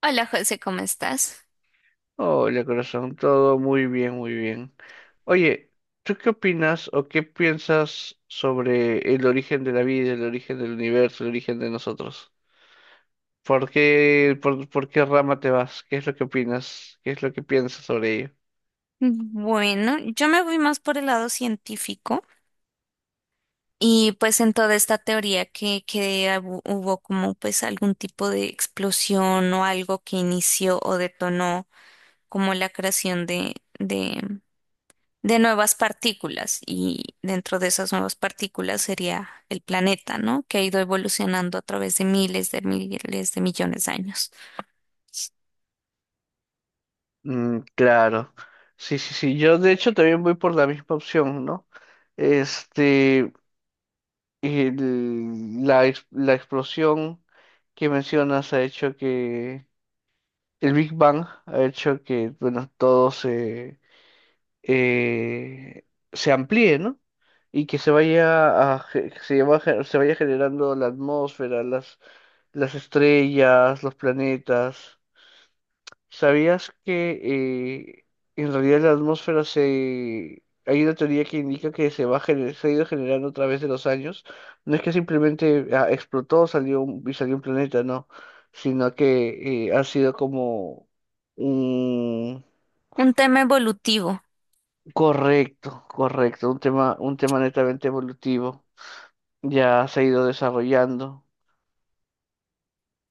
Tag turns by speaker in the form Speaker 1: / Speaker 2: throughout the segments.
Speaker 1: Hola José, ¿cómo estás?
Speaker 2: Hola, corazón, todo muy bien, muy bien. Oye, ¿tú qué opinas o qué piensas sobre el origen de la vida, el origen del universo, el origen de nosotros? ¿Por qué, por qué rama te vas? ¿Qué es lo que opinas? ¿Qué es lo que piensas sobre ello?
Speaker 1: Bueno, yo me voy más por el lado científico y pues en toda esta teoría que hubo como pues algún tipo de explosión o algo que inició o detonó como la creación de nuevas partículas, y dentro de esas nuevas partículas sería el planeta, ¿no? Que ha ido evolucionando a través de miles de miles de millones de años.
Speaker 2: Mm, claro. Sí, sí, sí, yo de hecho también voy por la misma opción, ¿no? Este, la explosión que mencionas ha hecho que. El Big Bang ha hecho que, bueno, eh, se amplíe, ¿no? Y que se vaya a, ge- se va a ge- se vaya generando la atmósfera, las estrellas, los planetas. ¿Sabías que en realidad la atmósfera se... Hay una teoría que indica que se ha ido generando a través de los años? No es que simplemente explotó, salió un planeta, no, sino que ha sido como un...
Speaker 1: Un tema evolutivo.
Speaker 2: Correcto, correcto, un tema netamente evolutivo. Ya se ha ido desarrollando.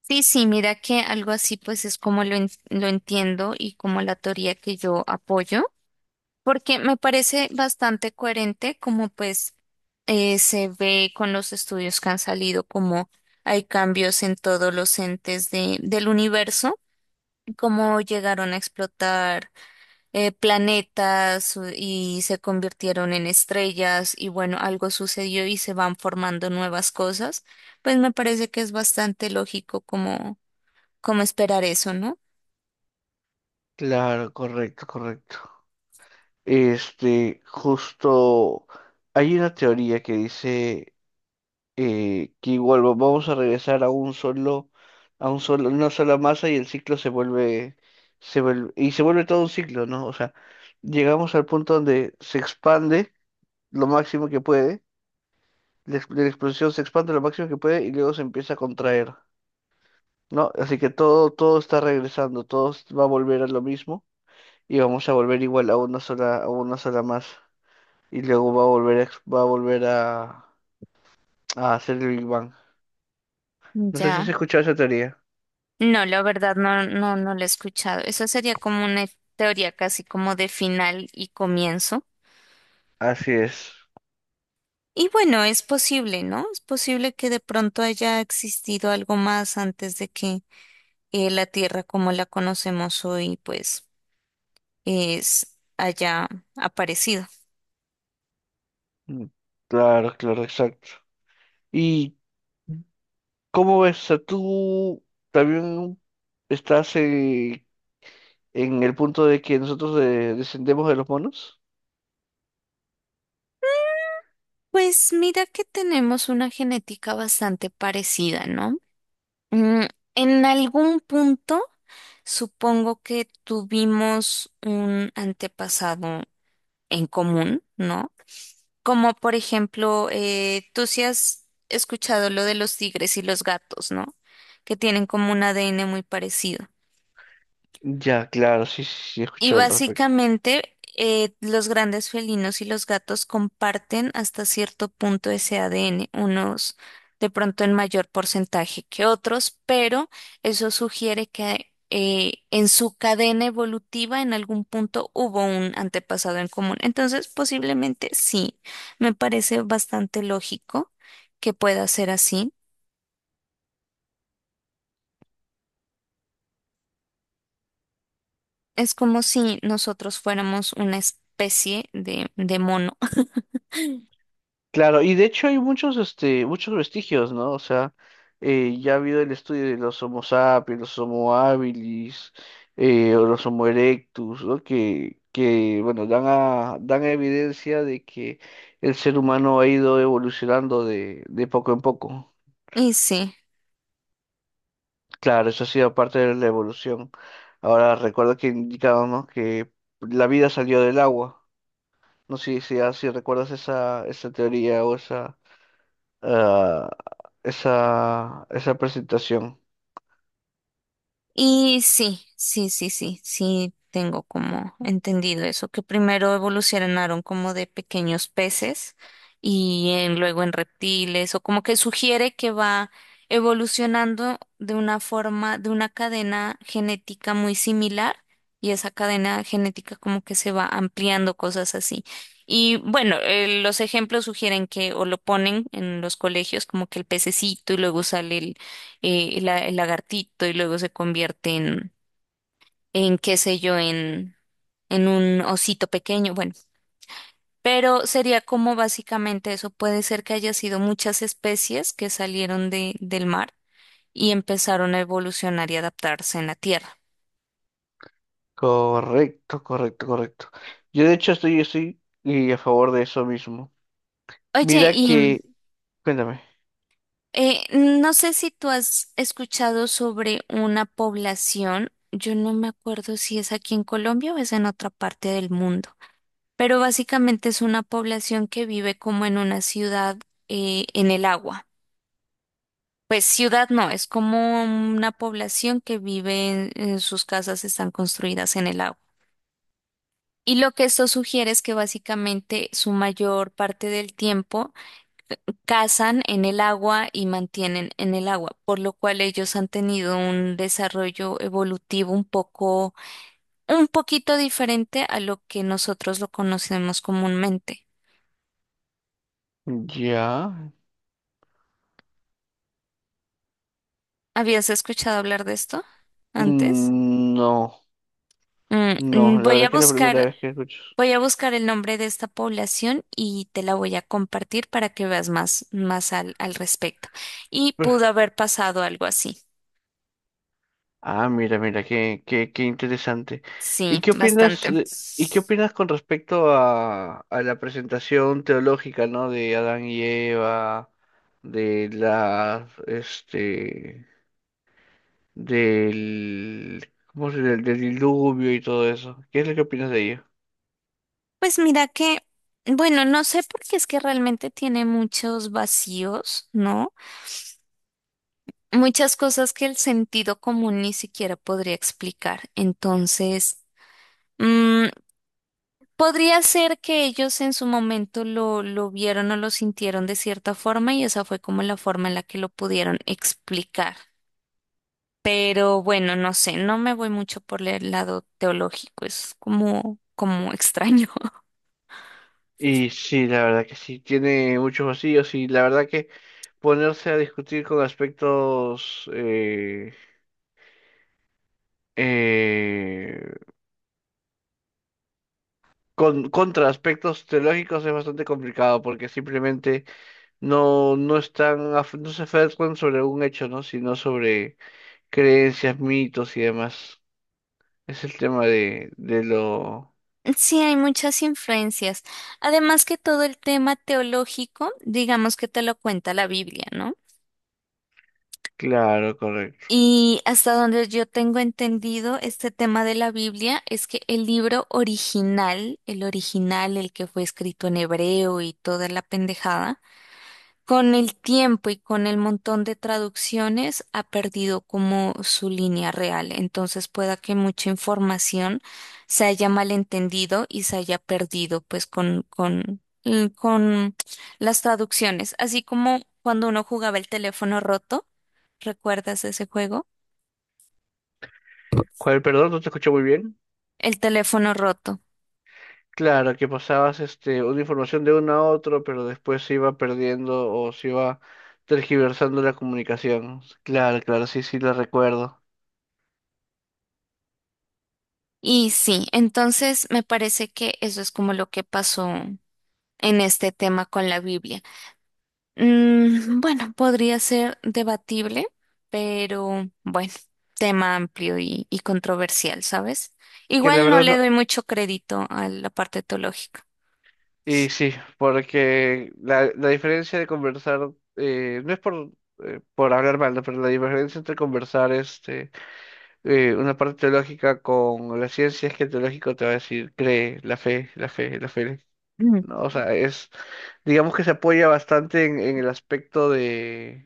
Speaker 1: Sí, sí, mira que algo así pues es como lo entiendo y como la teoría que yo apoyo, porque me parece bastante coherente como pues se ve con los estudios que han salido, como hay cambios en todos los entes del universo, cómo llegaron a explotar planetas y se convirtieron en estrellas, y bueno, algo sucedió y se van formando nuevas cosas. Pues me parece que es bastante lógico como, como esperar eso, ¿no?
Speaker 2: Claro, correcto, correcto. Este, justo hay una teoría que dice que igual vamos a regresar a un solo, una sola masa, y el ciclo se vuelve todo un ciclo, ¿no? O sea, llegamos al punto donde se expande lo máximo que puede, la explosión se expande lo máximo que puede y luego se empieza a contraer, ¿no? Así que todo, todo está regresando, va a volver a lo mismo y vamos a volver igual a una sola masa. Y luego va a volver a hacer el Big Bang. No sé si has
Speaker 1: Ya.
Speaker 2: escuchado esa teoría.
Speaker 1: No, la verdad no, no, no lo he escuchado. Eso sería como una teoría casi como de final y comienzo.
Speaker 2: Así es.
Speaker 1: Y bueno, es posible, ¿no? Es posible que de pronto haya existido algo más antes de que la Tierra como la conocemos hoy, pues es haya aparecido.
Speaker 2: Mm, claro, claro, exacto. ¿Y cómo ves? O sea, tú también estás en el punto de que nosotros descendemos de los monos.
Speaker 1: Pues mira que tenemos una genética bastante parecida, ¿no? Mm, en algún punto supongo que tuvimos un antepasado en común, ¿no? Como por ejemplo, tú sí has escuchado lo de los tigres y los gatos, ¿no? Que tienen como un ADN muy parecido.
Speaker 2: Ya, claro, sí, sí, sí, he
Speaker 1: Y
Speaker 2: escuchado al respecto.
Speaker 1: básicamente los grandes felinos y los gatos comparten hasta cierto punto ese ADN, unos de pronto en mayor porcentaje que otros, pero eso sugiere que en su cadena evolutiva en algún punto hubo un antepasado en común. Entonces, posiblemente sí, me parece bastante lógico que pueda ser así. Es como si nosotros fuéramos una especie de mono.
Speaker 2: Claro, y de hecho hay muchos, este, muchos vestigios, ¿no? O sea, ya ha habido el estudio de los Homo sapiens, los Homo habilis, o los Homo erectus, ¿no? Que bueno, dan evidencia de que el ser humano ha ido evolucionando de poco en poco.
Speaker 1: Y sí.
Speaker 2: Claro, eso ha sido parte de la evolución. Ahora recuerdo que indicábamos que la vida salió del agua. No sé si, si, si recuerdas esa, esa teoría o esa, ah, esa, esa presentación.
Speaker 1: Y sí, sí, sí, sí, sí, tengo como entendido eso, que primero evolucionaron como de pequeños peces y luego en reptiles, o como que sugiere que va evolucionando de una forma, de una cadena genética muy similar, y esa cadena genética como que se va ampliando, cosas así. Y bueno, los ejemplos sugieren que o lo ponen en los colegios como que el pececito y luego sale el lagartito y luego se convierte en qué sé yo, en un osito pequeño, bueno, pero sería como básicamente eso, puede ser que haya sido muchas especies que salieron del mar y empezaron a evolucionar y adaptarse en la Tierra.
Speaker 2: Correcto, correcto, correcto. Yo de hecho estoy, estoy y a favor de eso mismo.
Speaker 1: Oye,
Speaker 2: Mira
Speaker 1: y
Speaker 2: que, cuéntame.
Speaker 1: no sé si tú has escuchado sobre una población, yo no me acuerdo si es aquí en Colombia o es en otra parte del mundo, pero básicamente es una población que vive como en una ciudad en el agua. Pues ciudad no, es como una población que vive en sus casas están construidas en el agua. Y lo que esto sugiere es que básicamente su mayor parte del tiempo cazan en el agua y mantienen en el agua, por lo cual ellos han tenido un desarrollo evolutivo un poco, un poquito diferente a lo que nosotros lo conocemos comúnmente.
Speaker 2: ¿Ya?
Speaker 1: ¿Habías escuchado hablar de esto antes?
Speaker 2: Mm, no,
Speaker 1: Mm,
Speaker 2: no,
Speaker 1: mm,
Speaker 2: la
Speaker 1: voy a
Speaker 2: verdad que es la primera
Speaker 1: buscar,
Speaker 2: vez que escucho.
Speaker 1: voy a buscar el nombre de esta población y te la voy a compartir para que veas más, más al, al respecto. Y pudo
Speaker 2: Uf.
Speaker 1: haber pasado algo así.
Speaker 2: Ah, mira, mira, qué, qué, qué interesante. ¿Y
Speaker 1: Sí,
Speaker 2: qué opinas,
Speaker 1: bastante.
Speaker 2: eh, y qué opinas con respecto a la presentación teológica, ¿no? De Adán y Eva, de las, este, del, cómo se del diluvio y todo eso? ¿Qué es lo que opinas de ello?
Speaker 1: Pues mira que, bueno, no sé, porque es que realmente tiene muchos vacíos, ¿no? Muchas cosas que el sentido común ni siquiera podría explicar. Entonces, mm, podría ser que ellos en su momento lo vieron o lo sintieron de cierta forma, y esa fue como la forma en la que lo pudieron explicar. Pero bueno, no sé, no me voy mucho por el lado teológico, es como, como extraño.
Speaker 2: Y sí, la verdad que sí, tiene muchos vacíos, y la verdad que ponerse a discutir con aspectos, eh, con, contra aspectos teológicos es bastante complicado porque simplemente no, no están, no se aferran sobre un hecho, ¿no? Sino sobre creencias, mitos y demás. Es el tema de lo...
Speaker 1: Sí, hay muchas influencias. Además que todo el tema teológico, digamos que te lo cuenta la Biblia, ¿no?
Speaker 2: Claro, correcto.
Speaker 1: Y hasta donde yo tengo entendido, este tema de la Biblia es que el libro original, el que fue escrito en hebreo y toda la pendejada, con el tiempo y con el montón de traducciones ha perdido como su línea real. Entonces pueda que mucha información se haya malentendido y se haya perdido pues con, con las traducciones. Así como cuando uno jugaba el teléfono roto, ¿recuerdas ese juego?
Speaker 2: ¿Cuál, perdón? No te escuché muy bien.
Speaker 1: El teléfono roto.
Speaker 2: Claro, que pasabas este, una información de uno a otro, pero después se iba perdiendo o se iba tergiversando la comunicación. Claro, claro, sí, sí, lo recuerdo.
Speaker 1: Y sí, entonces me parece que eso es como lo que pasó en este tema con la Biblia. Mm, bueno, podría ser debatible, pero bueno, tema amplio y controversial, ¿sabes?
Speaker 2: Que la
Speaker 1: Igual no
Speaker 2: verdad
Speaker 1: le
Speaker 2: no,
Speaker 1: doy mucho crédito a la parte teológica.
Speaker 2: y sí, porque la diferencia de conversar, no es por hablar mal, ¿no? Pero la diferencia entre conversar este, una parte teológica con la ciencia es que el teológico te va a decir, cree, la fe, la fe, la fe.
Speaker 1: Mm.
Speaker 2: No, o sea, es, digamos que se apoya bastante en el aspecto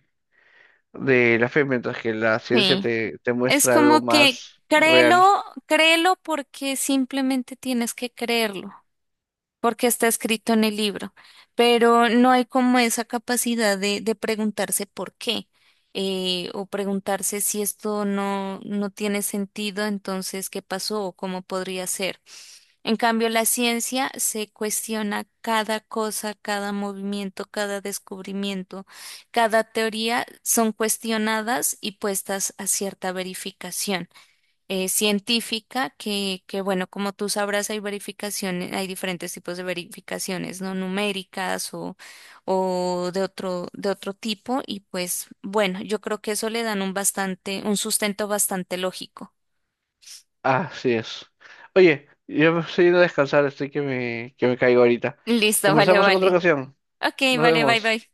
Speaker 2: de la fe, mientras que la ciencia
Speaker 1: Sí,
Speaker 2: te, te
Speaker 1: es
Speaker 2: muestra algo
Speaker 1: como que
Speaker 2: más real.
Speaker 1: créelo, créelo porque simplemente tienes que creerlo, porque está escrito en el libro, pero no hay como esa capacidad de preguntarse por qué o preguntarse si esto no, no tiene sentido, entonces qué pasó o cómo podría ser. En cambio, la ciencia se cuestiona cada cosa, cada movimiento, cada descubrimiento, cada teoría son cuestionadas y puestas a cierta verificación científica que, bueno, como tú sabrás, hay verificaciones, hay diferentes tipos de verificaciones, no numéricas o de otro tipo, y pues, bueno, yo creo que eso le dan un bastante, un sustento bastante lógico.
Speaker 2: Así es. Oye, yo me estoy yendo a descansar, estoy que me caigo ahorita.
Speaker 1: Listo, vale,
Speaker 2: Conversamos en otra
Speaker 1: vale.
Speaker 2: ocasión.
Speaker 1: Ok,
Speaker 2: Nos
Speaker 1: vale, bye,
Speaker 2: vemos.
Speaker 1: bye.